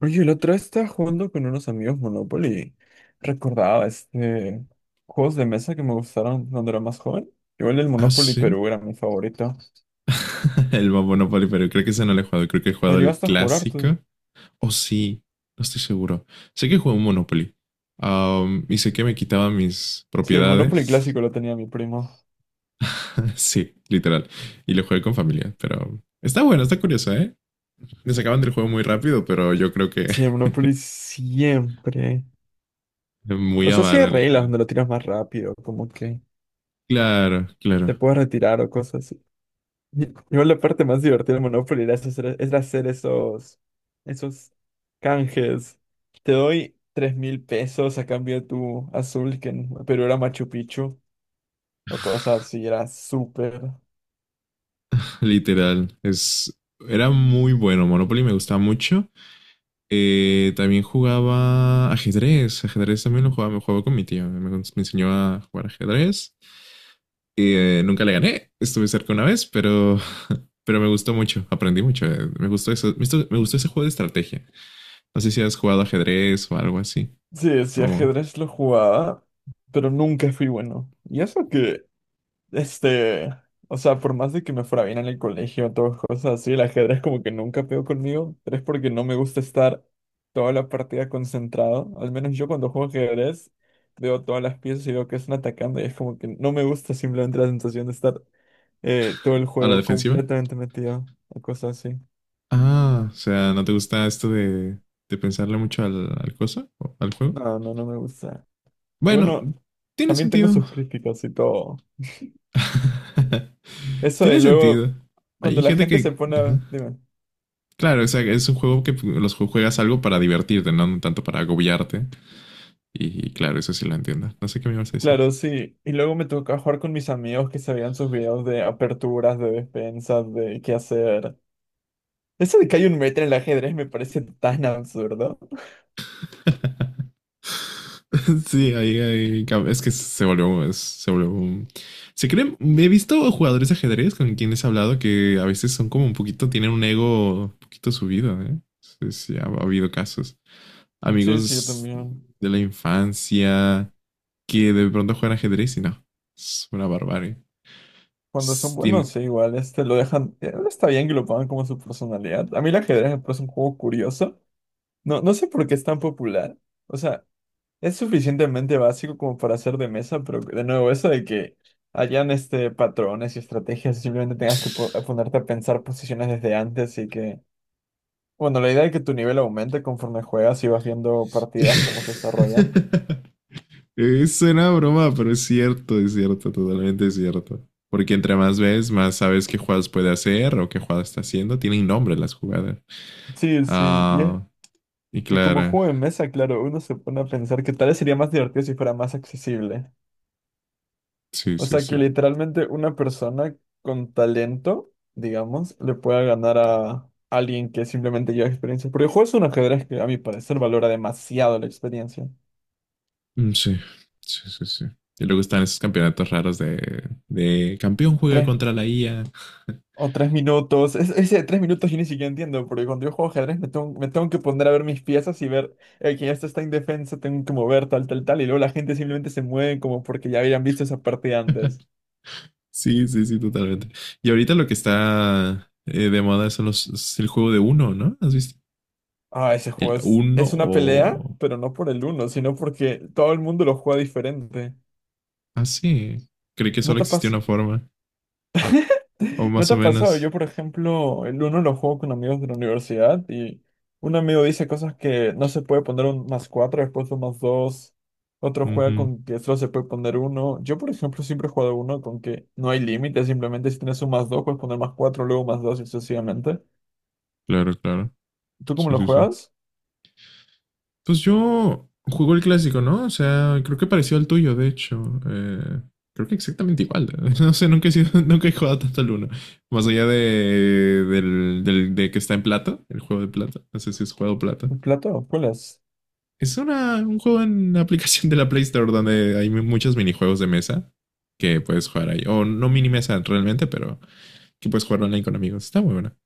Oye, la otra vez estaba jugando con unos amigos Monopoly. Recordaba juegos de mesa que me gustaron cuando era más joven. Igual el Ah, Monopoly sí. Perú era mi favorito. El Bob Monopoly, pero creo que ese no lo he jugado. Creo que he ¿Lo jugado el llegaste a jugar tú? clásico. O sí, no estoy seguro. Sé que jugué un Monopoly. Y sé que me quitaba mis Sí, el Monopoly propiedades. clásico lo tenía mi primo. Sí, literal. Y lo jugué con familia, pero está bueno, está curioso, ¿eh? Me sacaban del juego muy rápido, pero yo creo que Sí, el Monopoly siempre. O muy sea, sí hay avaro, reglas literal. donde lo tiras más rápido, como que Claro, te claro, puedes retirar o cosas. Igual la parte más divertida de Monopoly era hacer esos canjes. Te doy 3000 pesos a cambio de tu azul, que en Perú era Machu Picchu, o cosas así, era súper. literal. Era muy bueno. Monopoly me gustaba mucho. También jugaba ajedrez. Ajedrez también lo jugaba, me jugaba con mi tío. Me enseñó a jugar ajedrez. Y, nunca le gané. Estuve cerca una vez, pero me gustó mucho. Aprendí mucho. Me gustó eso. Me gustó ese juego de estrategia. No sé si has jugado ajedrez o algo así. Sí, sí, O ajedrez lo jugaba, pero nunca fui bueno. Y eso que Este, o sea, por más de que me fuera bien en el colegio, todas cosas así, el ajedrez como que nunca pegó conmigo, pero es porque no me gusta estar toda la partida concentrado. Al menos yo cuando juego ajedrez veo todas las piezas y veo que están atacando y es como que no me gusta simplemente la sensación de estar todo el a la juego defensiva. completamente metido o cosas así. Ah, o sea, ¿no te gusta esto de, pensarle mucho al, cosa? ¿O al juego? No, no, no me gusta. Y Bueno, bueno, tiene también tengo sentido. sus críticas y todo. Eso de Tiene luego, sentido. cuando Hay la gente gente se que pone... a- ajá. Dime. Claro, o sea, es un juego que los juegas algo para divertirte, no tanto para agobiarte. Y claro, eso sí lo entiendo. No sé qué me ibas a decir. Claro, sí. Y luego me tocó jugar con mis amigos que sabían sus videos de aperturas, de despensas, de qué hacer. Eso de que hay un metro en el ajedrez me parece tan absurdo. Sí, ahí, es que se volvió, se volvió. Se creen, He visto jugadores de ajedrez con quienes he hablado que a veces son como un poquito, tienen un ego un poquito subido, ¿eh? Sí, sí, ha habido casos. Sí, sí, yo Amigos también. de la infancia que de pronto juegan ajedrez y no. Es una barbarie. Cuando son Es- buenos, tiene- sí, igual, este, lo dejan, está bien que lo pongan como su personalidad. A mí el ajedrez me parece un juego curioso. No, no sé por qué es tan popular. O sea, es suficientemente básico como para hacer de mesa, pero de nuevo, eso de que hayan, este, patrones y estrategias y simplemente tengas que ponerte a pensar posiciones desde antes y que... Bueno, la idea es que tu nivel aumente conforme juegas y vas viendo partidas, cómo se desarrollan. suena a broma, pero es cierto, totalmente es cierto. Porque entre más ves, más sabes qué jugadas puede hacer o qué jugadas está haciendo. Tienen nombre las jugadas. Sí, sí, Ah, y y como claro, juego de mesa, claro, uno se pone a pensar que tal vez sería más divertido si fuera más accesible. sí, O sí, sea, que sí. literalmente una persona con talento, digamos, le pueda ganar a alguien que simplemente lleva experiencia. Porque el juego es un ajedrez que a mi parecer valora demasiado la experiencia. Mm, sí, sí, sí, sí. Y luego están esos campeonatos raros de, campeón juega contra la IA. O 3 minutos. Ese de 3 minutos yo ni siquiera entiendo, porque cuando yo juego ajedrez me tengo que poner a ver mis piezas y ver que ya está indefensa, tengo que mover tal, tal, tal, y luego la gente simplemente se mueve como porque ya habían visto esa partida antes. Sí, sí, sí, totalmente. Y ahorita lo que está de moda son es el juego de uno, ¿no? ¿Has visto? Ah, ese juego ¿El uno es una pelea, o? pero no por el uno, sino porque todo el mundo lo juega diferente. Ah, sí. Creí que ¿No solo te existía pasa? una forma. O ¿No más te o ha pasado? Yo, menos. por ejemplo, el uno lo juego con amigos de la universidad y un amigo dice cosas que no se puede poner un más cuatro, después un más dos. Otro juega Ujú, con que solo se puede poner uno. Yo, por ejemplo, siempre he jugado uno con que no hay límite, simplemente si tienes un más dos, puedes poner más cuatro, luego más dos y sucesivamente. claro, claro. ¿Tú cómo Sí, lo sí, sí. juegas? Pues yo juego el clásico, ¿no? O sea, creo que pareció al tuyo, de hecho. Creo que exactamente igual. No sé, nunca he sido, nunca he jugado tanto al uno. Más allá de que está en plata, el juego de plata. No sé si es juego plata. ¿El plato? ¿Cuál es? Es un juego en la aplicación de la Play Store donde hay muchos minijuegos de mesa que puedes jugar ahí. O no mini mesa realmente, pero que puedes jugar online con amigos. Está muy buena.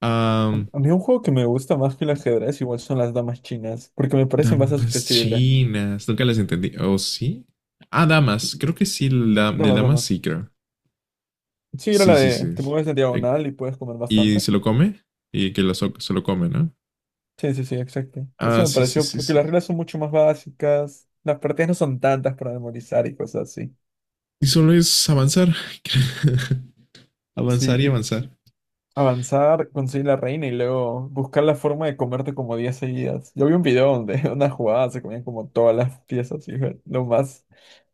Ah, A mí un juego que me gusta más que el ajedrez igual son las damas chinas, porque me parece más damas accesible. chinas. Nunca las entendí. ¿O sí? Ah, damas. Creo que sí, de Damas, damas damas. sí, creo. Sí, era la Sí, sí, sí. de te mueves en Eh, diagonal y puedes comer Y bastante. se lo come. Y que lo se lo come, ¿no? Sí, sí, sí, exacto. Eso Ah, me sí, sí, pareció, sí, porque las sí. reglas son mucho más básicas, las partidas no son tantas para memorizar y cosas así. Y solo es avanzar. Sí, Avanzar y y avanzar. avanzar, conseguir la reina y luego buscar la forma de comerte como 10 seguidas. Yo vi un video donde una jugada se comían como todas las piezas y fue lo más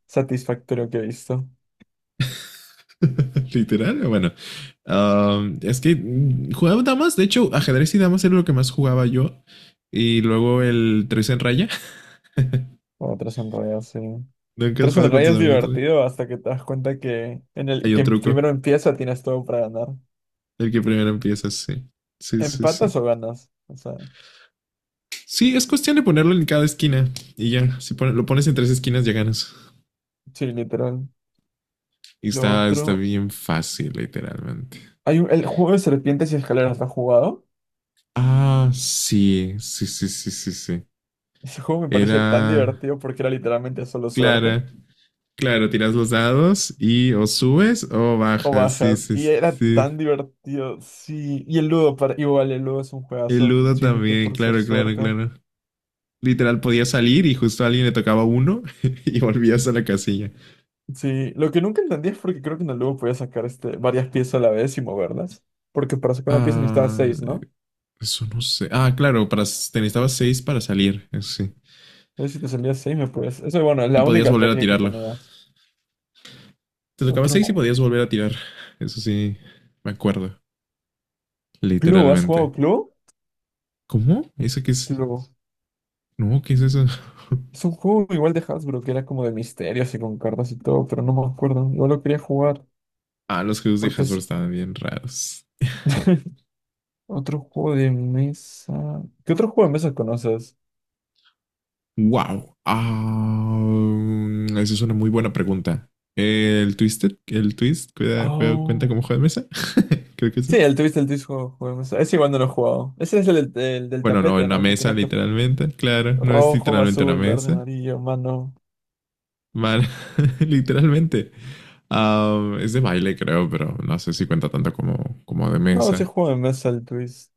satisfactorio que he visto. Literal, bueno. Es que jugaba damas. De hecho, ajedrez y damas era lo que más jugaba yo. Y luego el tres en raya. O tres enrayas, sí. ¿Nunca has Tres jugado con enrayas tus es amigos tres? divertido hasta que te das cuenta que en el Hay un que truco. primero empieza tienes todo para ganar. El que primero empieza, sí. Sí, sí, sí. ¿Empatas o ganas? O sea, Sí, es cuestión de ponerlo en cada esquina y ya. Si lo pones en tres esquinas, ya ganas. sí, literal. Y Lo está otro. bien fácil, literalmente. El juego de serpientes y escaleras, ¿lo has jugado? Ah, sí, sí, sí, sí, sí, sí. Ese juego me Era parecía tan divertido porque era literalmente solo suerte Clara. Claro, tiras los dados y o subes o o bajas. Sí, bajas. sí, Y sí, era sí. tan divertido, sí. Y el Ludo, para, igual, el Ludo es un El juegazo, Ludo simplemente también, por ser claro, claro, suerte. claro. Literal, podía salir y justo a alguien le tocaba uno y volvías a la casilla. Sí, lo que nunca entendí es porque creo que en el Ludo podías sacar este, varias piezas a la vez y moverlas. Porque para sacar una pieza necesitabas Ah, 6, ¿no? eso no sé. Ah, claro, te necesitabas seis para salir, eso sí. Entonces si te salía 6 me puedes... Eso, bueno, es Y la podías única volver a estrategia que tirarlo. tenía. Te tocaba Otro... seis y ju- podías volver a tirar. Eso sí, me acuerdo, Clue, ¿has jugado literalmente. Clue? ¿Cómo? ¿Eso qué es? Clue. No, ¿qué es eso? Es un juego igual de Hasbro, que era como de misterios y con cartas y todo, pero no me acuerdo. Yo lo quería jugar, Ah, los juegos de porque Hasbro es estaban bien raros. otro juego de mesa. ¿Qué otro juego de mesa conoces? Wow. Ah, esa es una muy buena pregunta. El Twisted, el Twist, cuida, juega, cuenta Oh. como juego de mesa. Creo que Sí, sí. el Twist, juego de mesa. Ese igual no lo he jugado. Ese es del el del Bueno, no, en tapete, una ¿no? Que mesa, tienes que... literalmente. Claro, no es Rojo, literalmente una azul, verde, mesa. amarillo, mano. Man, literalmente. Ah, es de baile, creo, pero no sé si cuenta tanto como, de No, ese mesa. juego de mesa, el Twist.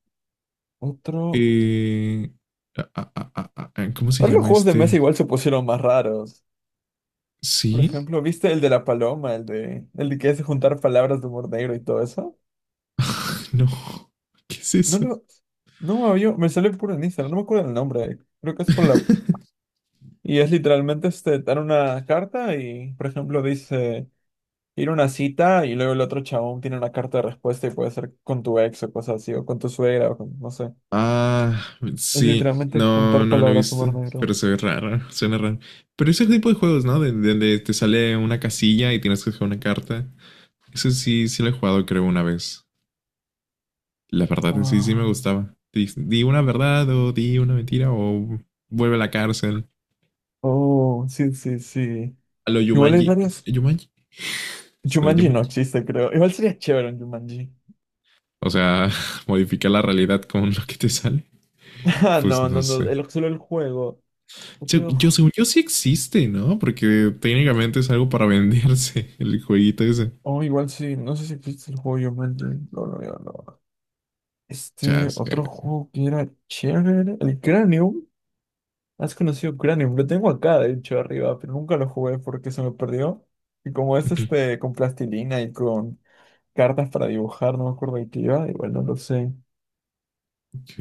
Otro... Eh, ¿Cómo se Ahora los llama juegos de mesa este? igual se pusieron más raros. Por ¿Sí? ejemplo, ¿viste el de la paloma? El de que hace juntar palabras de humor negro y todo eso. No. ¿Qué es No eso? lo. No me había- Me sale por en Instagram, no me acuerdo el nombre. Creo que es por la. Y es literalmente este, dar una carta y, por ejemplo, dice ir a una cita y luego el otro chabón tiene una carta de respuesta y puede ser con tu ex o cosas así, o con tu suegra, o con, no sé. Ah, Es sí. literalmente No, juntar no lo he palabras visto, humor pero negro. se ve raro, suena raro. Pero es el tipo de juegos, ¿no? Donde te sale una casilla y tienes que jugar una carta. Eso sí, sí lo he jugado, creo, una vez. La verdad es que sí, sí me Ah. gustaba. Di una verdad o di una mentira o vuelve a la cárcel. Oh, sí, sí, sí. A lo Igual hay Yumanji. varios. ¿Yumanji? ¿Será Jumanji no Yumanji? existe, creo. Igual sería chévere un Jumanji. O sea, modificar la realidad con lo que te sale. Ah, Pues no, no no, no. sé. El, solo el juego. Otro. Yo, según yo, sí existe, ¿no? Porque técnicamente es algo para venderse el jueguito ese. Oh, igual sí, no sé si existe el juego Jumanji. No, no, no, no. Este Chasca. otro juego que era chévere, el Cranium. ¿Has conocido Cranium? Lo tengo acá, de hecho, arriba, pero nunca lo jugué porque se me perdió. Y como es este con plastilina y con cartas para dibujar, no me acuerdo de qué iba, igual no lo sé. Ok.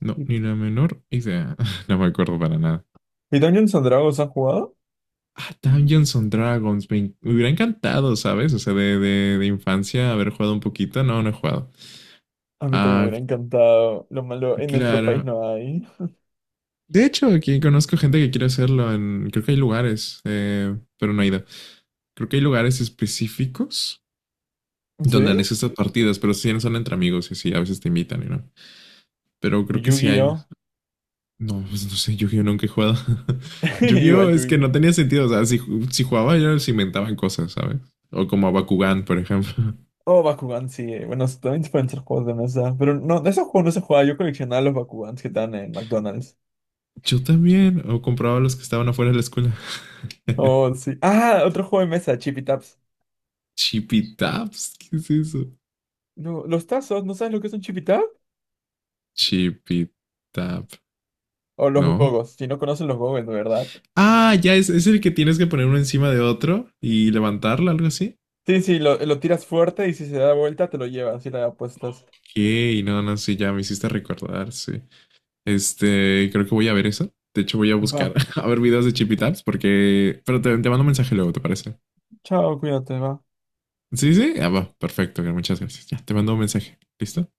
No, ¿Y ni la menor idea. No me acuerdo para nada. y Dungeons and Dragons has jugado? Ah, Dungeons and Dragons. Me hubiera encantado, ¿sabes? O sea, de infancia haber jugado un poquito. No, no he jugado. A mí también me Ah, hubiera encantado. Lo malo, en nuestro país claro. no hay. De hecho, aquí conozco gente que quiere hacerlo. Creo que hay lugares, pero no he ido. Creo que hay lugares específicos donde ¿Sí? han hecho estas partidas, pero sí son entre amigos y sí, a veces te invitan y no. Pero ¿Y creo que sí hay. Yu-Gi-Oh? No, pues no sé, Yu-Gi-Oh nunca he jugado. Yu-Gi-Oh Igual es que Yu-Gi-Oh. no tenía sentido. O sea, si jugaba yo se inventaban cosas, ¿sabes? O como a Bakugan, por ejemplo. Oh, Bakugan, sí. Bueno, también pueden ser juegos de mesa. Pero no, de esos juegos no se juega. Yo coleccionaba los Bakugans que están en McDonald's. Yo también. O compraba los que estaban afuera de la escuela. Oh, sí. Ah, otro juego de mesa, Chippy Taps. Chippy Taps. ¿Qué es eso? No, los tazos, ¿no sabes lo que es un Chippy Tap? Chippy Tap. O los No. gogos, si no conocen los gogos, de verdad. Ah, ya es el que tienes que poner uno encima de otro y levantarlo, algo así. Sí, sí, lo tiras fuerte y si se da vuelta te lo llevas y la apuestas. Ok, no, no, sí, ya me hiciste recordar, sí. Este, creo que voy a ver eso. De hecho, voy a Va, buscar a ver videos de Chippy Taps porque. Pero te mando un mensaje luego, ¿te parece? chao, cuídate, va. Sí, sí. Ah, va, perfecto, muchas gracias. Ya, te mando un mensaje. ¿Listo?